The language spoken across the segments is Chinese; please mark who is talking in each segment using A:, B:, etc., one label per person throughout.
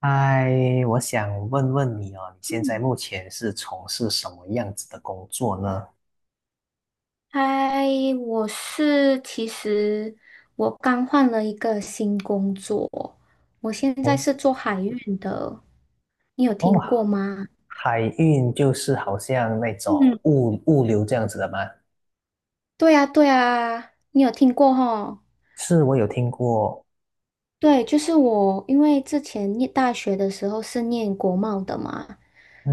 A: 嗨，我想问问你哦，你现在
B: 嗯，
A: 目前是从事什么样子的工作呢？
B: 嗨，其实我刚换了一个新工作，我现在
A: 哦
B: 是做海运的，你有
A: 哦
B: 听过
A: 啊，
B: 吗？
A: 海运就是好像那种
B: 嗯，
A: 物流这样子的吗？
B: 对呀，对呀，你有听过吼？
A: 是，我有听过。
B: 对，就是我，因为之前念大学的时候是念国贸的嘛，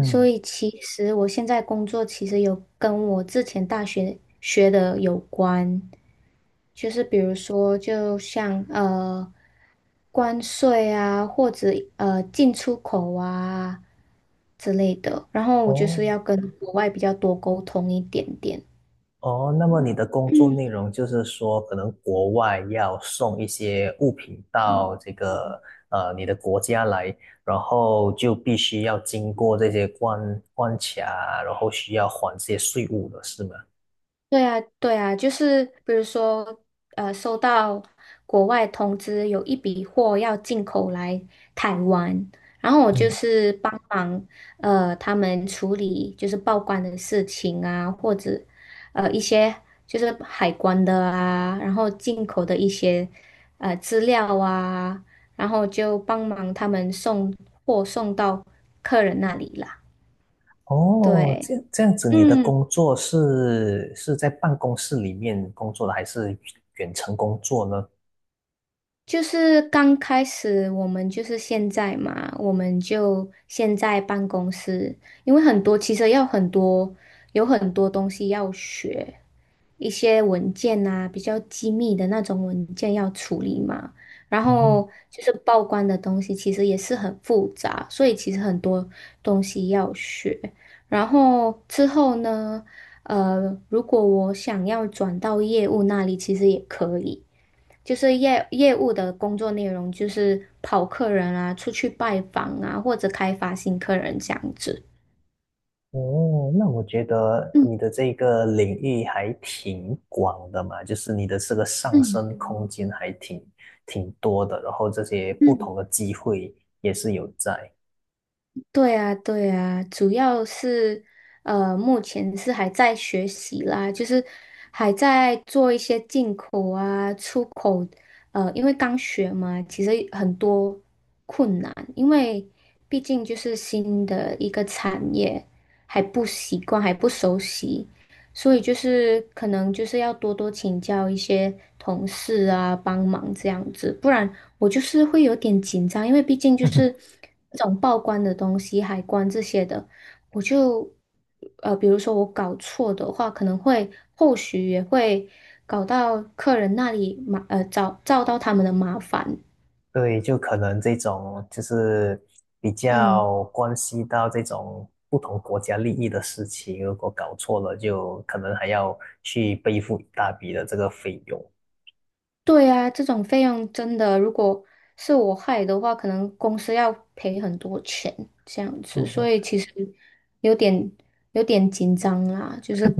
B: 所以其实我现在工作其实有跟我之前大学学的有关。就是比如说，就像关税啊，或者进出口啊之类的。然后我就是
A: 哦
B: 要跟国外比较多沟通一点点。
A: 哦，那么你的工作内容就是说，可能国外要送一些物品到这个你的国家来，然后就必须要经过这些关卡，然后需要还这些税务的是吗？
B: 对啊，对啊，就是比如说，收到国外通知有一笔货要进口来台湾，然后我就
A: 嗯。
B: 是帮忙他们处理就是报关的事情啊，或者一些就是海关的啊，然后进口的一些资料啊，然后就帮忙他们送货送到客人那里啦。
A: 哦，
B: 对，
A: 这样子，你的工作是在办公室里面工作的，还是远程工作呢？
B: 就是刚开始我们就是现在嘛，我们就现在办公室，因为很多其实要很多有很多东西要学，一些文件啊，比较机密的那种文件要处理嘛，然
A: 嗯
B: 后就是报关的东西其实也是很复杂，所以其实很多东西要学。然后之后呢，如果我想要转到业务那里，其实也可以。就是业务的工作内容就是跑客人啊，出去拜访啊，或者开发新客人这样子。
A: 哦，那我觉得你
B: 嗯
A: 的这个领域还挺广的嘛，就是你的这个上
B: 嗯
A: 升空间还挺多的，然后这些不
B: 嗯。
A: 同的机会也是有在。
B: 对啊，对啊，主要是目前是还在学习啦，就是还在做一些进口啊、出口，因为刚学嘛，其实很多困难，因为毕竟就是新的一个产业，还不习惯，还不熟悉，所以就是可能就是要多多请教一些同事啊，帮忙这样子，不然。我就是会有点紧张，因为毕竟就 是这种报关的东西、海关这些的，我就比如说我搞错的话，可能会后续也会搞到客人那里找到他们的麻烦。
A: 对，就可能这种就是比
B: 嗯。
A: 较关系到这种不同国家利益的事情，如果搞错了，就可能还要去背负一大笔的这个费用。
B: 对啊，这种费用真的，如果是我害的话，可能公司要赔很多钱这样子，所
A: 嗯，
B: 以其实有点有点紧张啦，就是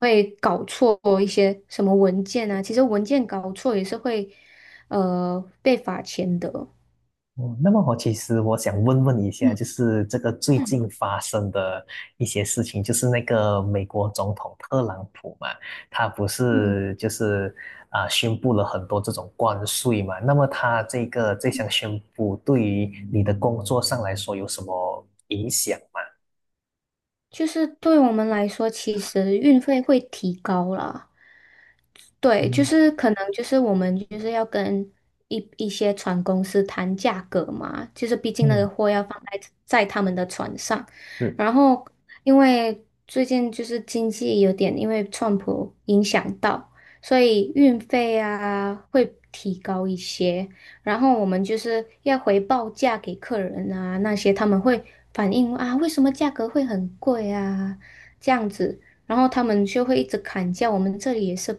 B: 会搞错一些什么文件啊，其实文件搞错也是会被罚钱的。
A: 哦，那么我其实想问问一下，就
B: 嗯
A: 是这个最近发生的一些事情，就是那个美国总统特朗普嘛，他不
B: 嗯
A: 是就是宣布了很多这种关税嘛，那么他这个这
B: 嗯，
A: 项宣布对于你的工作上来说有什么影响吗？
B: 就是对我们来说，其实运费会提高啦。对，就
A: 嗯，
B: 是可能就是我们就是要跟一些船公司谈价格嘛，就是毕竟那个
A: 嗯，
B: 货要放在他们的船上，
A: 是。
B: 然后因为最近就是经济有点因为川普影响到，所以运费啊会提高一些，然后我们就是要回报价给客人啊那些他们会反映啊为什么价格会很贵啊这样子。然后他们就会一直砍价，我们这里也是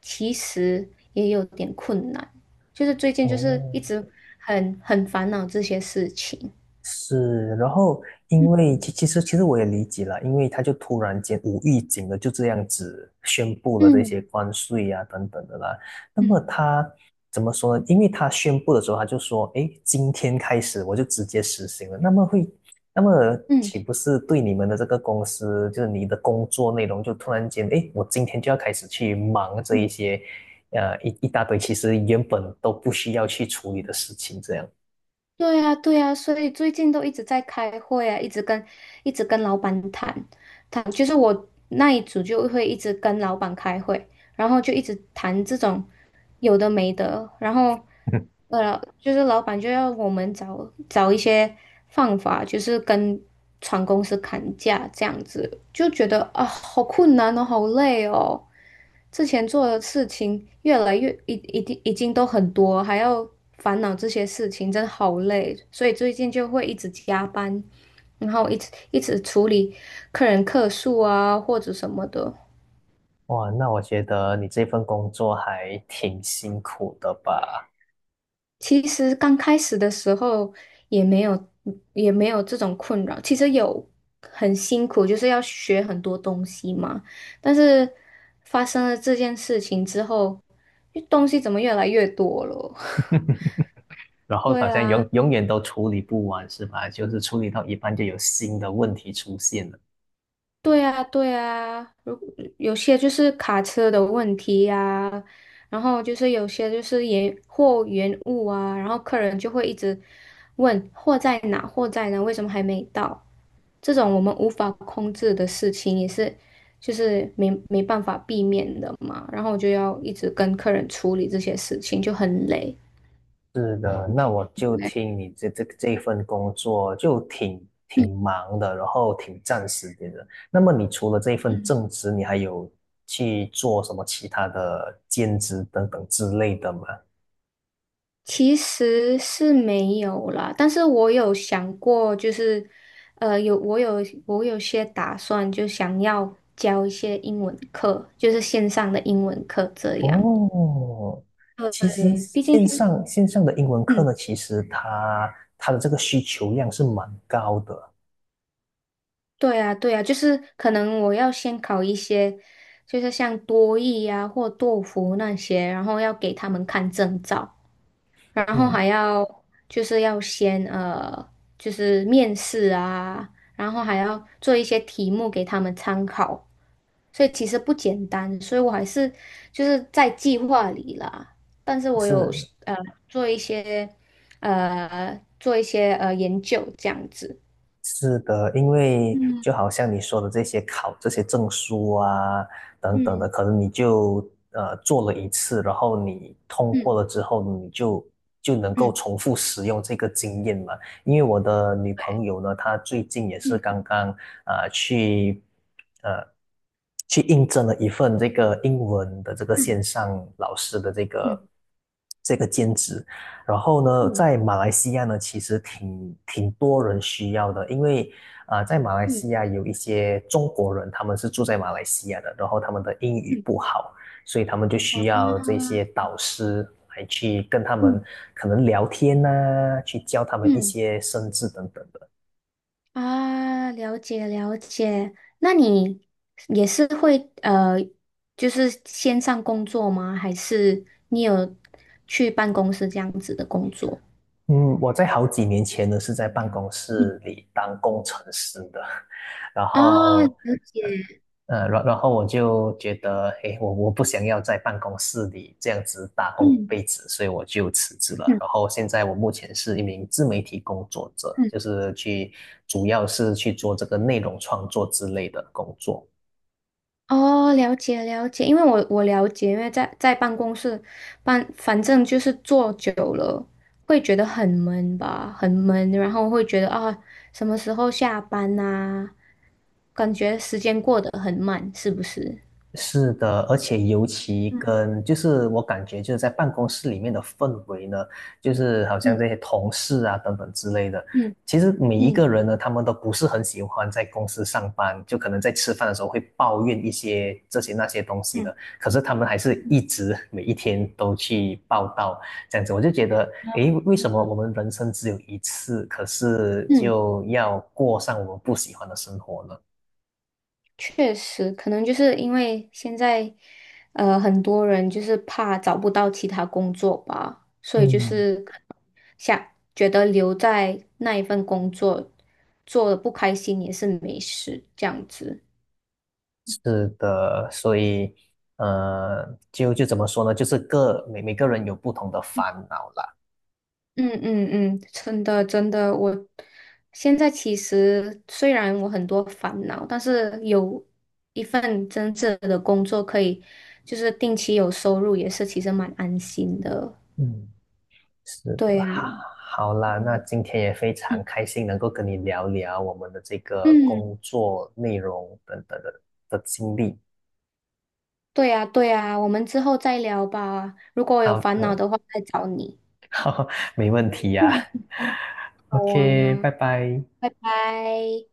B: 其实也有点困难，就是最近就是
A: 哦。
B: 一直很烦恼这些事情。
A: 是，然后因为其实我也理解了，因为他就突然间无预警的就这样子宣布了这
B: 嗯
A: 些关税啊等等的啦。那么
B: 嗯
A: 他怎么说呢？因为他宣布的时候他就说，诶，今天开始我就直接实行了。那么
B: 嗯
A: 岂不是对你们的这个公司，就是你的工作内容就突然间，诶，我今天就要开始去忙这一
B: 嗯，
A: 些，一大堆其实原本都不需要去处理的事情，这样。
B: 对呀对呀，所以最近都一直在开会啊，一直跟老板谈谈，就是我那一组就会一直跟老板开会，然后就一直谈这种有的没的，然后 就是老板就要我们找一些方法，就是跟船公司砍价这样子，就觉得啊，好困难哦，好累哦。之前做的事情越来越一定已经都很多，还要烦恼这些事情，真的好累。所以最近就会一直加班，然后一直一直处理客人客诉啊或者什么的。
A: 哇，那我觉得你这份工作还挺辛苦的吧？
B: 其实刚开始的时候也没有也没有这种困扰，其实有很辛苦，就是要学很多东西嘛。但是发生了这件事情之后，东西怎么越来越多了？
A: 然 后
B: 对
A: 好像
B: 啊，
A: 永远都处理不完，是吧？就是处理到一半就有新的问题出现了。
B: 对啊，对啊。有些就是卡车的问题呀、然后就是有些就是延货延误啊，然后客人就会一直问货在哪，货在哪，为什么还没到？这种我们无法控制的事情也是，就是没办法避免的嘛。然后我就要一直跟客人处理这些事情，就很累。
A: 是的，那我就听你这份工作就挺忙的，然后挺占时间的。那么你除了这份
B: 嗯
A: 正职，你还有去做什么其他的兼职等等之类的吗？
B: 其实是没有啦，但是我有想过，就是，呃，有我有我有些打算，就想要教一些英文课，就是线上的英文课这样。
A: 哦，其实
B: 对，毕竟
A: 线上线上的英文课
B: 嗯，
A: 呢，其实它的这个需求量是蛮高的，
B: 对啊，对啊，就是可能我要先考一些，就是像多益呀或托福那些，然后要给他们看证照。然后
A: 嗯，
B: 还要就是要先就是面试啊，然后还要做一些题目给他们参考，所以其实不简单，所以我还是就是在计划里啦，但是我有
A: 是
B: 呃做一些研究这样子，
A: 是的，因为就
B: 嗯
A: 好像你说的这些考这些证书啊等等的，
B: 嗯
A: 可能你就做了一次，然后你通
B: 嗯
A: 过了之后，你就能够
B: 嗯
A: 重复使用这个经验嘛。因为我的女朋友呢，她最近也是
B: 嗯
A: 刚刚啊、呃去呃去应征了一份这个英文的这个
B: 嗯
A: 线上老师的这个
B: 嗯
A: 这个兼职，然后
B: 嗯
A: 呢，
B: 嗯
A: 在马来西亚呢，其实挺多人需要的，因为在马来
B: 嗯，
A: 西亚有一些中国人，他们是住在马来西亚的，然后他们的英语
B: 嗯
A: 不好，所以他们就
B: 好
A: 需
B: 啊
A: 要这些导师来去跟他们
B: 嗯
A: 可能聊天呐、去教他们一
B: 嗯。
A: 些生字等等的。
B: 啊，了解了解。那你也是会就是线上工作吗？还是你有去办公室这样子的工作？
A: 嗯，我在好几年前呢是在办公
B: 嗯
A: 室里当工程师的，然
B: 啊，
A: 后，
B: 了解。
A: 然后我就觉得，诶，我不想要在办公室里这样子打工一
B: 嗯
A: 辈子，所以我就辞职了。
B: 嗯
A: 然后现在我目前是一名自媒体工作者，
B: 嗯，
A: 就是去主要是去做这个内容创作之类的工作。
B: 哦，了解了解。因为我了解，因为在办公室反正就是坐久了会觉得很闷吧，很闷，然后会觉得啊，什么时候下班呐、感觉时间过得很慢，是不是？
A: 是的，而且尤其
B: 嗯
A: 跟就是我感觉就是在办公室里面的氛围呢，就是好像
B: 嗯
A: 这些同事啊等等之类的，
B: 嗯
A: 其实每一
B: 嗯
A: 个人呢，他们都不是很喜欢在公司上班，就可能在吃饭的时候会抱怨一些这些那些东西
B: 嗯
A: 的，可是他们还是一直每一天都去报道这样子，我就觉得，诶，为什么
B: 嗯
A: 我们人生只有一次，可是
B: 嗯，
A: 就要过上我们不喜欢的生活呢？
B: 确实，可能就是因为现在，很多人就是怕找不到其他工作吧，所以就
A: 嗯，
B: 是可能想觉得留在那一份工作做的不开心也是没事，这样子。
A: 是的，所以，呃，就怎么说呢？就是每个人有不同的烦恼啦。
B: 嗯嗯嗯，真的真的，我现在其实虽然我很多烦恼，但是有一份真正的工作可以，就是定期有收入，也是其实蛮安心的。
A: 嗯是的，
B: 对呀，
A: 好啦，那
B: 嗯
A: 今天也非常
B: 嗯
A: 开心能够跟你聊聊我们的这个工
B: 嗯，
A: 作内容等等的经历。
B: 对呀对呀，我们之后再聊吧。如果我有
A: 好
B: 烦恼
A: 的，
B: 的话，再找你。
A: 没问题呀、
B: 好
A: OK，
B: 啊，
A: 拜拜。
B: 拜拜。